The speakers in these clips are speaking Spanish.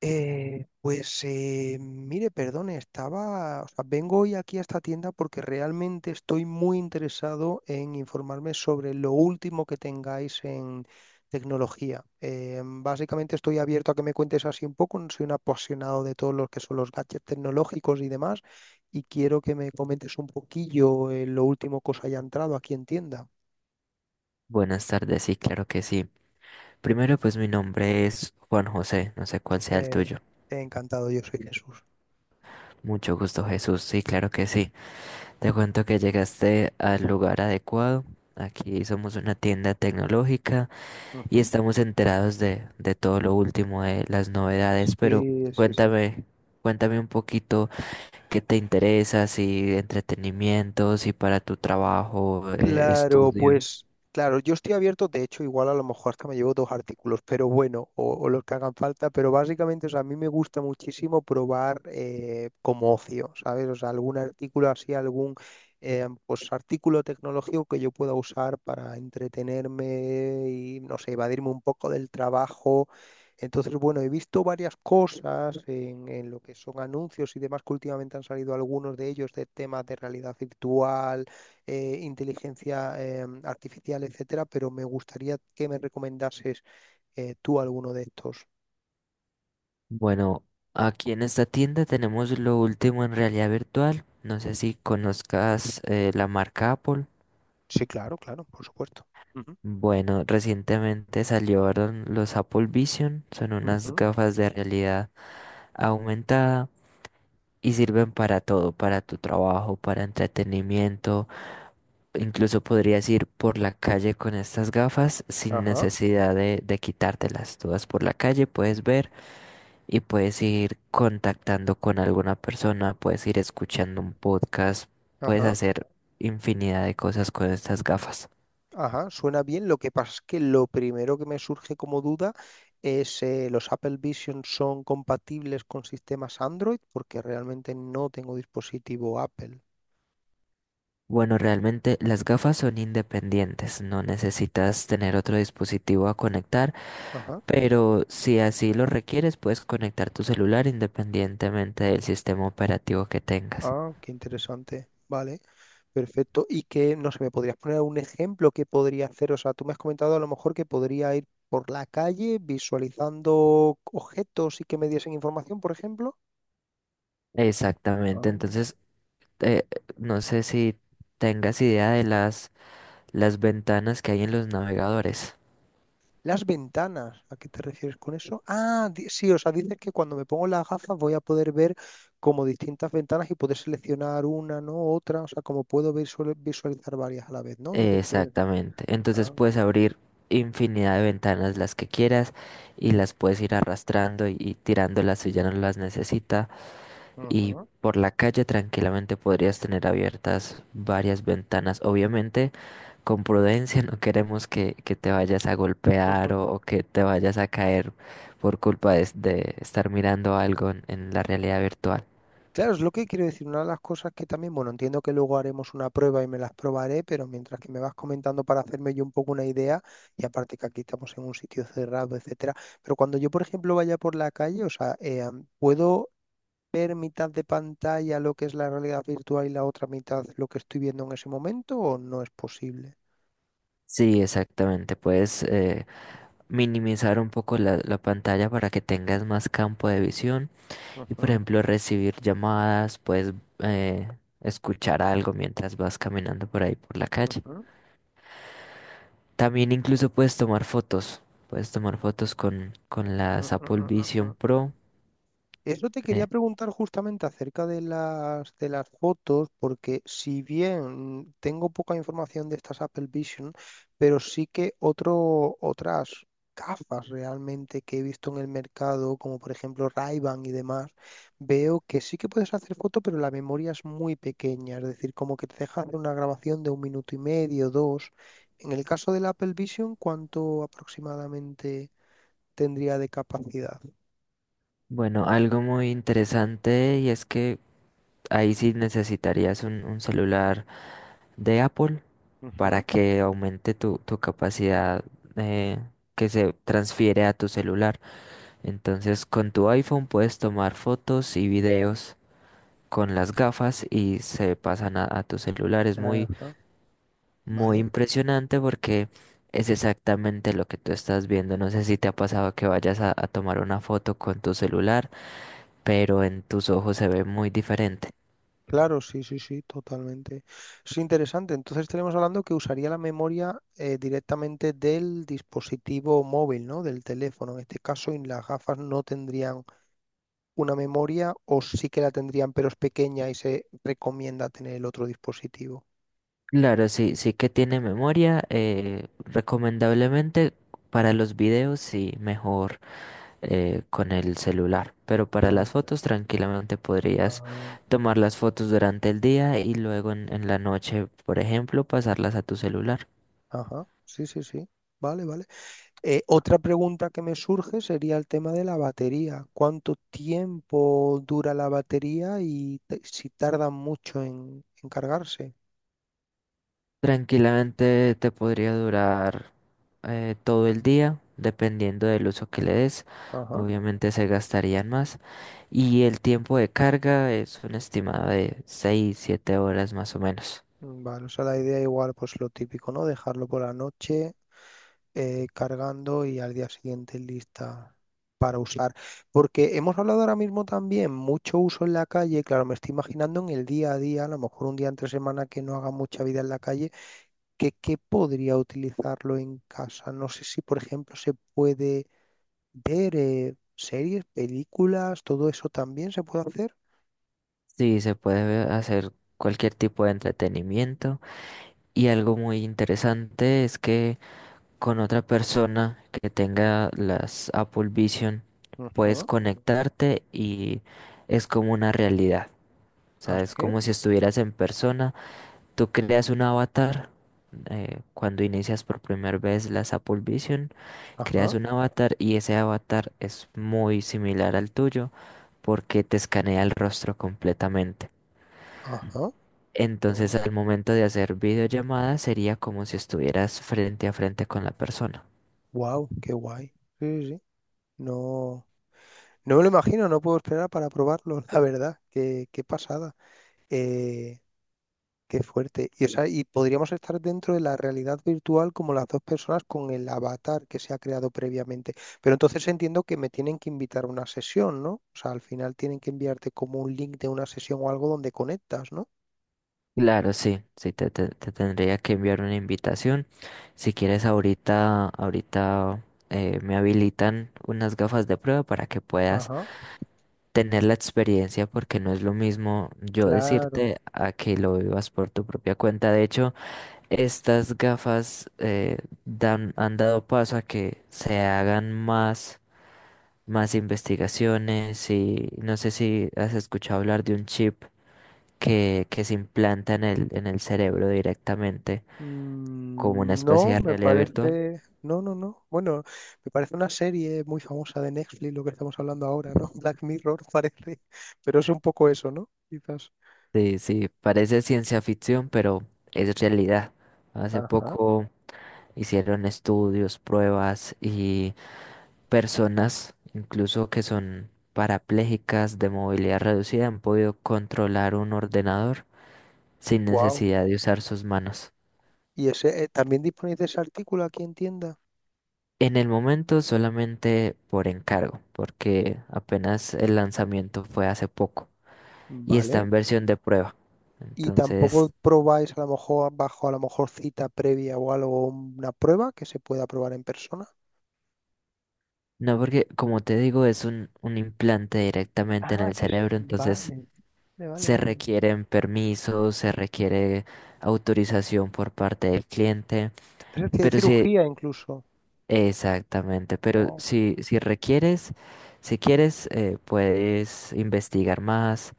Pues mire, perdone, estaba, o sea, vengo hoy aquí a esta tienda porque realmente estoy muy interesado en informarme sobre lo último que tengáis en tecnología. Básicamente estoy abierto a que me cuentes así un poco, soy un apasionado de todos los que son los gadgets tecnológicos y demás, y quiero que me comentes un poquillo lo último que os haya entrado aquí en tienda. Buenas tardes, sí, claro que sí. Primero, pues mi nombre es Juan José, no sé cuál sea el Eh, tuyo. encantado, yo soy Jesús. Mucho gusto, Jesús, sí, claro que sí. Te cuento que llegaste al lugar adecuado. Aquí somos una tienda tecnológica y Ujú. estamos enterados de todo lo último de las novedades, pero Sí, sí, sí. cuéntame, cuéntame un poquito qué te interesa, si entretenimiento, si para tu trabajo, Claro, estudio. pues claro, yo estoy abierto, de hecho, igual a lo mejor hasta me llevo dos artículos, pero bueno, o los que hagan falta, pero básicamente, o sea, a mí me gusta muchísimo probar como ocio, ¿sabes? O sea, algún artículo así, algún pues artículo tecnológico que yo pueda usar para entretenerme y, no sé, evadirme un poco del trabajo. Entonces, bueno, he visto varias cosas en lo que son anuncios y demás, que últimamente han salido algunos de ellos de temas de realidad virtual inteligencia artificial, etcétera, pero me gustaría que me recomendases tú alguno de estos. Bueno, aquí en esta tienda tenemos lo último en realidad virtual. No sé si conozcas la marca Apple. Sí, claro, claro, por supuesto. Ujú, Bueno, recientemente salieron los Apple Vision. Son unas ujú. gafas de realidad aumentada y sirven para todo, para tu trabajo, para entretenimiento. Incluso podrías ir por la calle con estas gafas sin Ajá, necesidad de quitártelas. Tú vas por la calle, puedes ver. Y puedes ir contactando con alguna persona, puedes ir escuchando un podcast, puedes ajá, hacer infinidad de cosas con estas gafas. ajá, suena bien. Lo que pasa es que lo primero que me surge como duda es los Apple Vision son compatibles con sistemas Android, porque realmente no tengo dispositivo Apple. Bueno, realmente las gafas son independientes, no necesitas tener otro dispositivo a conectar, Ajá, pero si así lo requieres, puedes conectar tu celular independientemente del sistema operativo que tengas. ah, qué interesante. Vale. Perfecto. Y que, no sé, ¿me podrías poner un ejemplo que podría hacer? O sea, tú me has comentado a lo mejor que podría ir por la calle visualizando objetos y que me diesen información, por ejemplo. Exactamente, Ah, entonces eh, no sé si tengas idea de las ventanas que hay en los navegadores. las ventanas, ¿a qué te refieres con eso? Ah, sí, o sea, dices que cuando me pongo las gafas voy a poder ver como distintas ventanas y poder seleccionar una, ¿no? Otra, o sea, como puedo visualizar varias a la vez, ¿no? Lo que te quieres decir. Exactamente. Entonces Ah. puedes abrir infinidad de ventanas las que quieras y las puedes ir arrastrando y tirándolas si ya no las necesita. Y Ujú. por la calle tranquilamente podrías tener abiertas varias ventanas. Obviamente, con prudencia, no queremos que te vayas a golpear o que te vayas a caer por culpa de estar mirando algo en la realidad virtual. Claro, es lo que quiero decir. Una de las cosas que también, bueno, entiendo que luego haremos una prueba y me las probaré, pero mientras que me vas comentando para hacerme yo un poco una idea, y aparte que aquí estamos en un sitio cerrado, etcétera, pero cuando yo, por ejemplo, vaya por la calle, o sea, ¿puedo ver mitad de pantalla lo que es la realidad virtual y la otra mitad lo que estoy viendo en ese momento o no es posible? Sí, exactamente. Puedes minimizar un poco la pantalla para que tengas más campo de visión y por Ujú, ejemplo recibir llamadas, puedes eh, escuchar algo mientras vas caminando por ahí por la calle. ujú, También incluso puedes tomar fotos con mm, mm, las Apple mm, mm, Vision mm, mm. Pro. Eso te quería Eh, preguntar justamente acerca de las fotos, porque si bien tengo poca información de estas Apple Vision, pero sí que otro, otras gafas realmente que he visto en el mercado, como por ejemplo Ray-Ban y demás, veo que sí que puedes hacer fotos, pero la memoria es muy pequeña, es decir, como que te deja hacer una grabación de un minuto y medio, dos. En el caso del Apple Vision, ¿cuánto aproximadamente tendría de capacidad? bueno, algo muy interesante y es que ahí sí necesitarías un celular de Apple para Ujú. que aumente tu capacidad eh, que se transfiere a tu celular. Entonces con tu iPhone puedes tomar fotos y videos con las gafas y se pasan a tu celular. Es muy, Ajá, muy vale. impresionante porque es exactamente lo que tú estás viendo. No sé si te ha pasado que vayas a tomar una foto con tu celular, pero en tus ojos se ve muy diferente. Claro, sí, sí, sí, totalmente. Es interesante. Entonces estaremos hablando que usaría la memoria directamente del dispositivo móvil, ¿no? Del teléfono. En este caso, y las gafas no tendrían una memoria o sí que la tendrían, pero es pequeña y se recomienda tener el otro dispositivo. Claro, sí, sí que tiene memoria. Recomendablemente para los videos, sí, mejor. Con el celular. Pero para las Claro. fotos tranquilamente podrías Ah. tomar las fotos durante el día y luego en la noche, por ejemplo, pasarlas a tu celular. Ajá, sí, sí, sí. Vale, vale. Otra pregunta que me surge sería el tema de la batería. ¿Cuánto tiempo dura la batería y si tarda mucho en cargarse? Tranquilamente te podría durar todo el día, dependiendo del uso que le des. Ajá. Obviamente se gastarían más. Y el tiempo de carga es un estimado de 6, 7 horas más o menos. Mm, vale, o sea, la idea igual, pues lo típico, ¿no? Dejarlo por la noche cargando y al día siguiente lista para usar. Porque hemos hablado ahora mismo también mucho uso en la calle, claro, me estoy imaginando en el día a día, a lo mejor un día entre semana que no haga mucha vida en la calle, que podría utilizarlo en casa. No sé si, por ejemplo, se puede ver series, películas, todo eso también se puede hacer. Sí, se puede hacer cualquier tipo de entretenimiento. Y algo muy interesante es que con otra persona que tenga las Apple Vision, puedes Ajá. conectarte y es como una realidad. O sea, es Así, como si estuvieras en persona. Tú creas un avatar cuando inicias por primera vez las Apple Vision, creas ajá, un avatar y ese avatar es muy similar al tuyo porque te escanea el rostro completamente. ajá. Qué Entonces, bueno. al momento de hacer videollamadas sería como si estuvieras frente a frente con la persona. Wow, qué guay. Sí, sí, sí. No, no me lo imagino, no puedo esperar para probarlo, la verdad. Qué pasada. Eh, qué fuerte. Y, o sea, y podríamos estar dentro de la realidad virtual como las dos personas con el avatar que se ha creado previamente. Pero entonces entiendo que me tienen que invitar a una sesión, ¿no? O sea, al final tienen que enviarte como un link de una sesión o algo donde conectas, ¿no? Claro, sí, sí, te tendría que enviar una invitación. Si quieres, ahorita me habilitan unas gafas de prueba para que puedas Ajá, tener la experiencia, porque no es lo mismo yo claro. decirte a que lo vivas por tu propia cuenta. De hecho, estas gafas han dado paso a que se hagan más investigaciones y no sé si has escuchado hablar de un chip que se implanta en el cerebro directamente como una Mm, especie no, de me realidad virtual. parece. No, no, no. Bueno, me parece una serie muy famosa de Netflix, lo que estamos hablando ahora, ¿no? Black Mirror parece, pero es un poco eso, ¿no? Quizás. Sí, sí, parece ciencia ficción, pero es realidad. Hace Ajá, poco hicieron estudios, pruebas y personas, incluso que son parapléjicas de movilidad reducida, han podido controlar un ordenador sin wow. necesidad de usar sus manos. Y ese, también disponéis de ese artículo aquí en tienda. En el momento solamente por encargo, porque apenas el lanzamiento fue hace poco y está Vale. en versión de prueba. Y tampoco Entonces. probáis a lo mejor bajo a lo mejor cita previa o algo, una prueba que se pueda probar en persona. No, porque como te digo, es un implante directamente en Ah, el que sí, cerebro, entonces vale, vale, se vale, vale. requieren permisos, se requiere autorización por parte del cliente, Es decir, hay pero sí, cirugía incluso. exactamente, pero Wow. si, requieres, si quieres, puedes investigar más,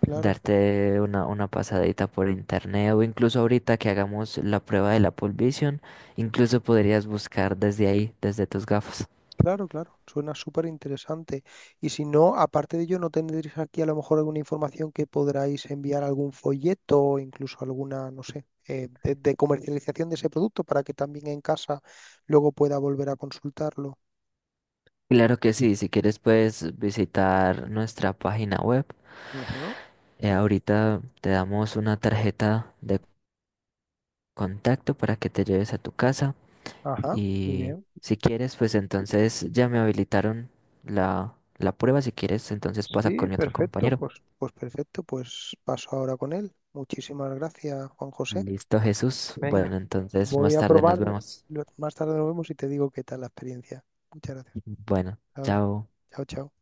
Claro. darte una pasadita por internet o incluso ahorita que hagamos la prueba de la Vision, incluso podrías buscar desde ahí, desde tus gafas. Claro, claro, suena súper interesante. Y si no, aparte de ello, ¿no tendréis aquí a lo mejor alguna información que podráis enviar algún folleto o incluso alguna, no sé, de comercialización de ese producto para que también en casa luego pueda volver a consultarlo? Claro que sí, si quieres puedes visitar nuestra página web. Ujú. Ahorita te damos una tarjeta de contacto para que te lleves a tu casa Ajá. Muy y bien. si quieres, pues entonces ya me habilitaron la prueba. Si quieres, entonces pasa Sí, con mi otro perfecto. compañero. Pues pues perfecto, pues paso ahora con él. Muchísimas gracias, Juan José. Listo, Jesús. Venga, Bueno, entonces voy más a tarde nos probarle. vemos. Más tarde nos vemos y te digo qué tal la experiencia. Muchas gracias. Bueno, Ahora, chao. chao, chao.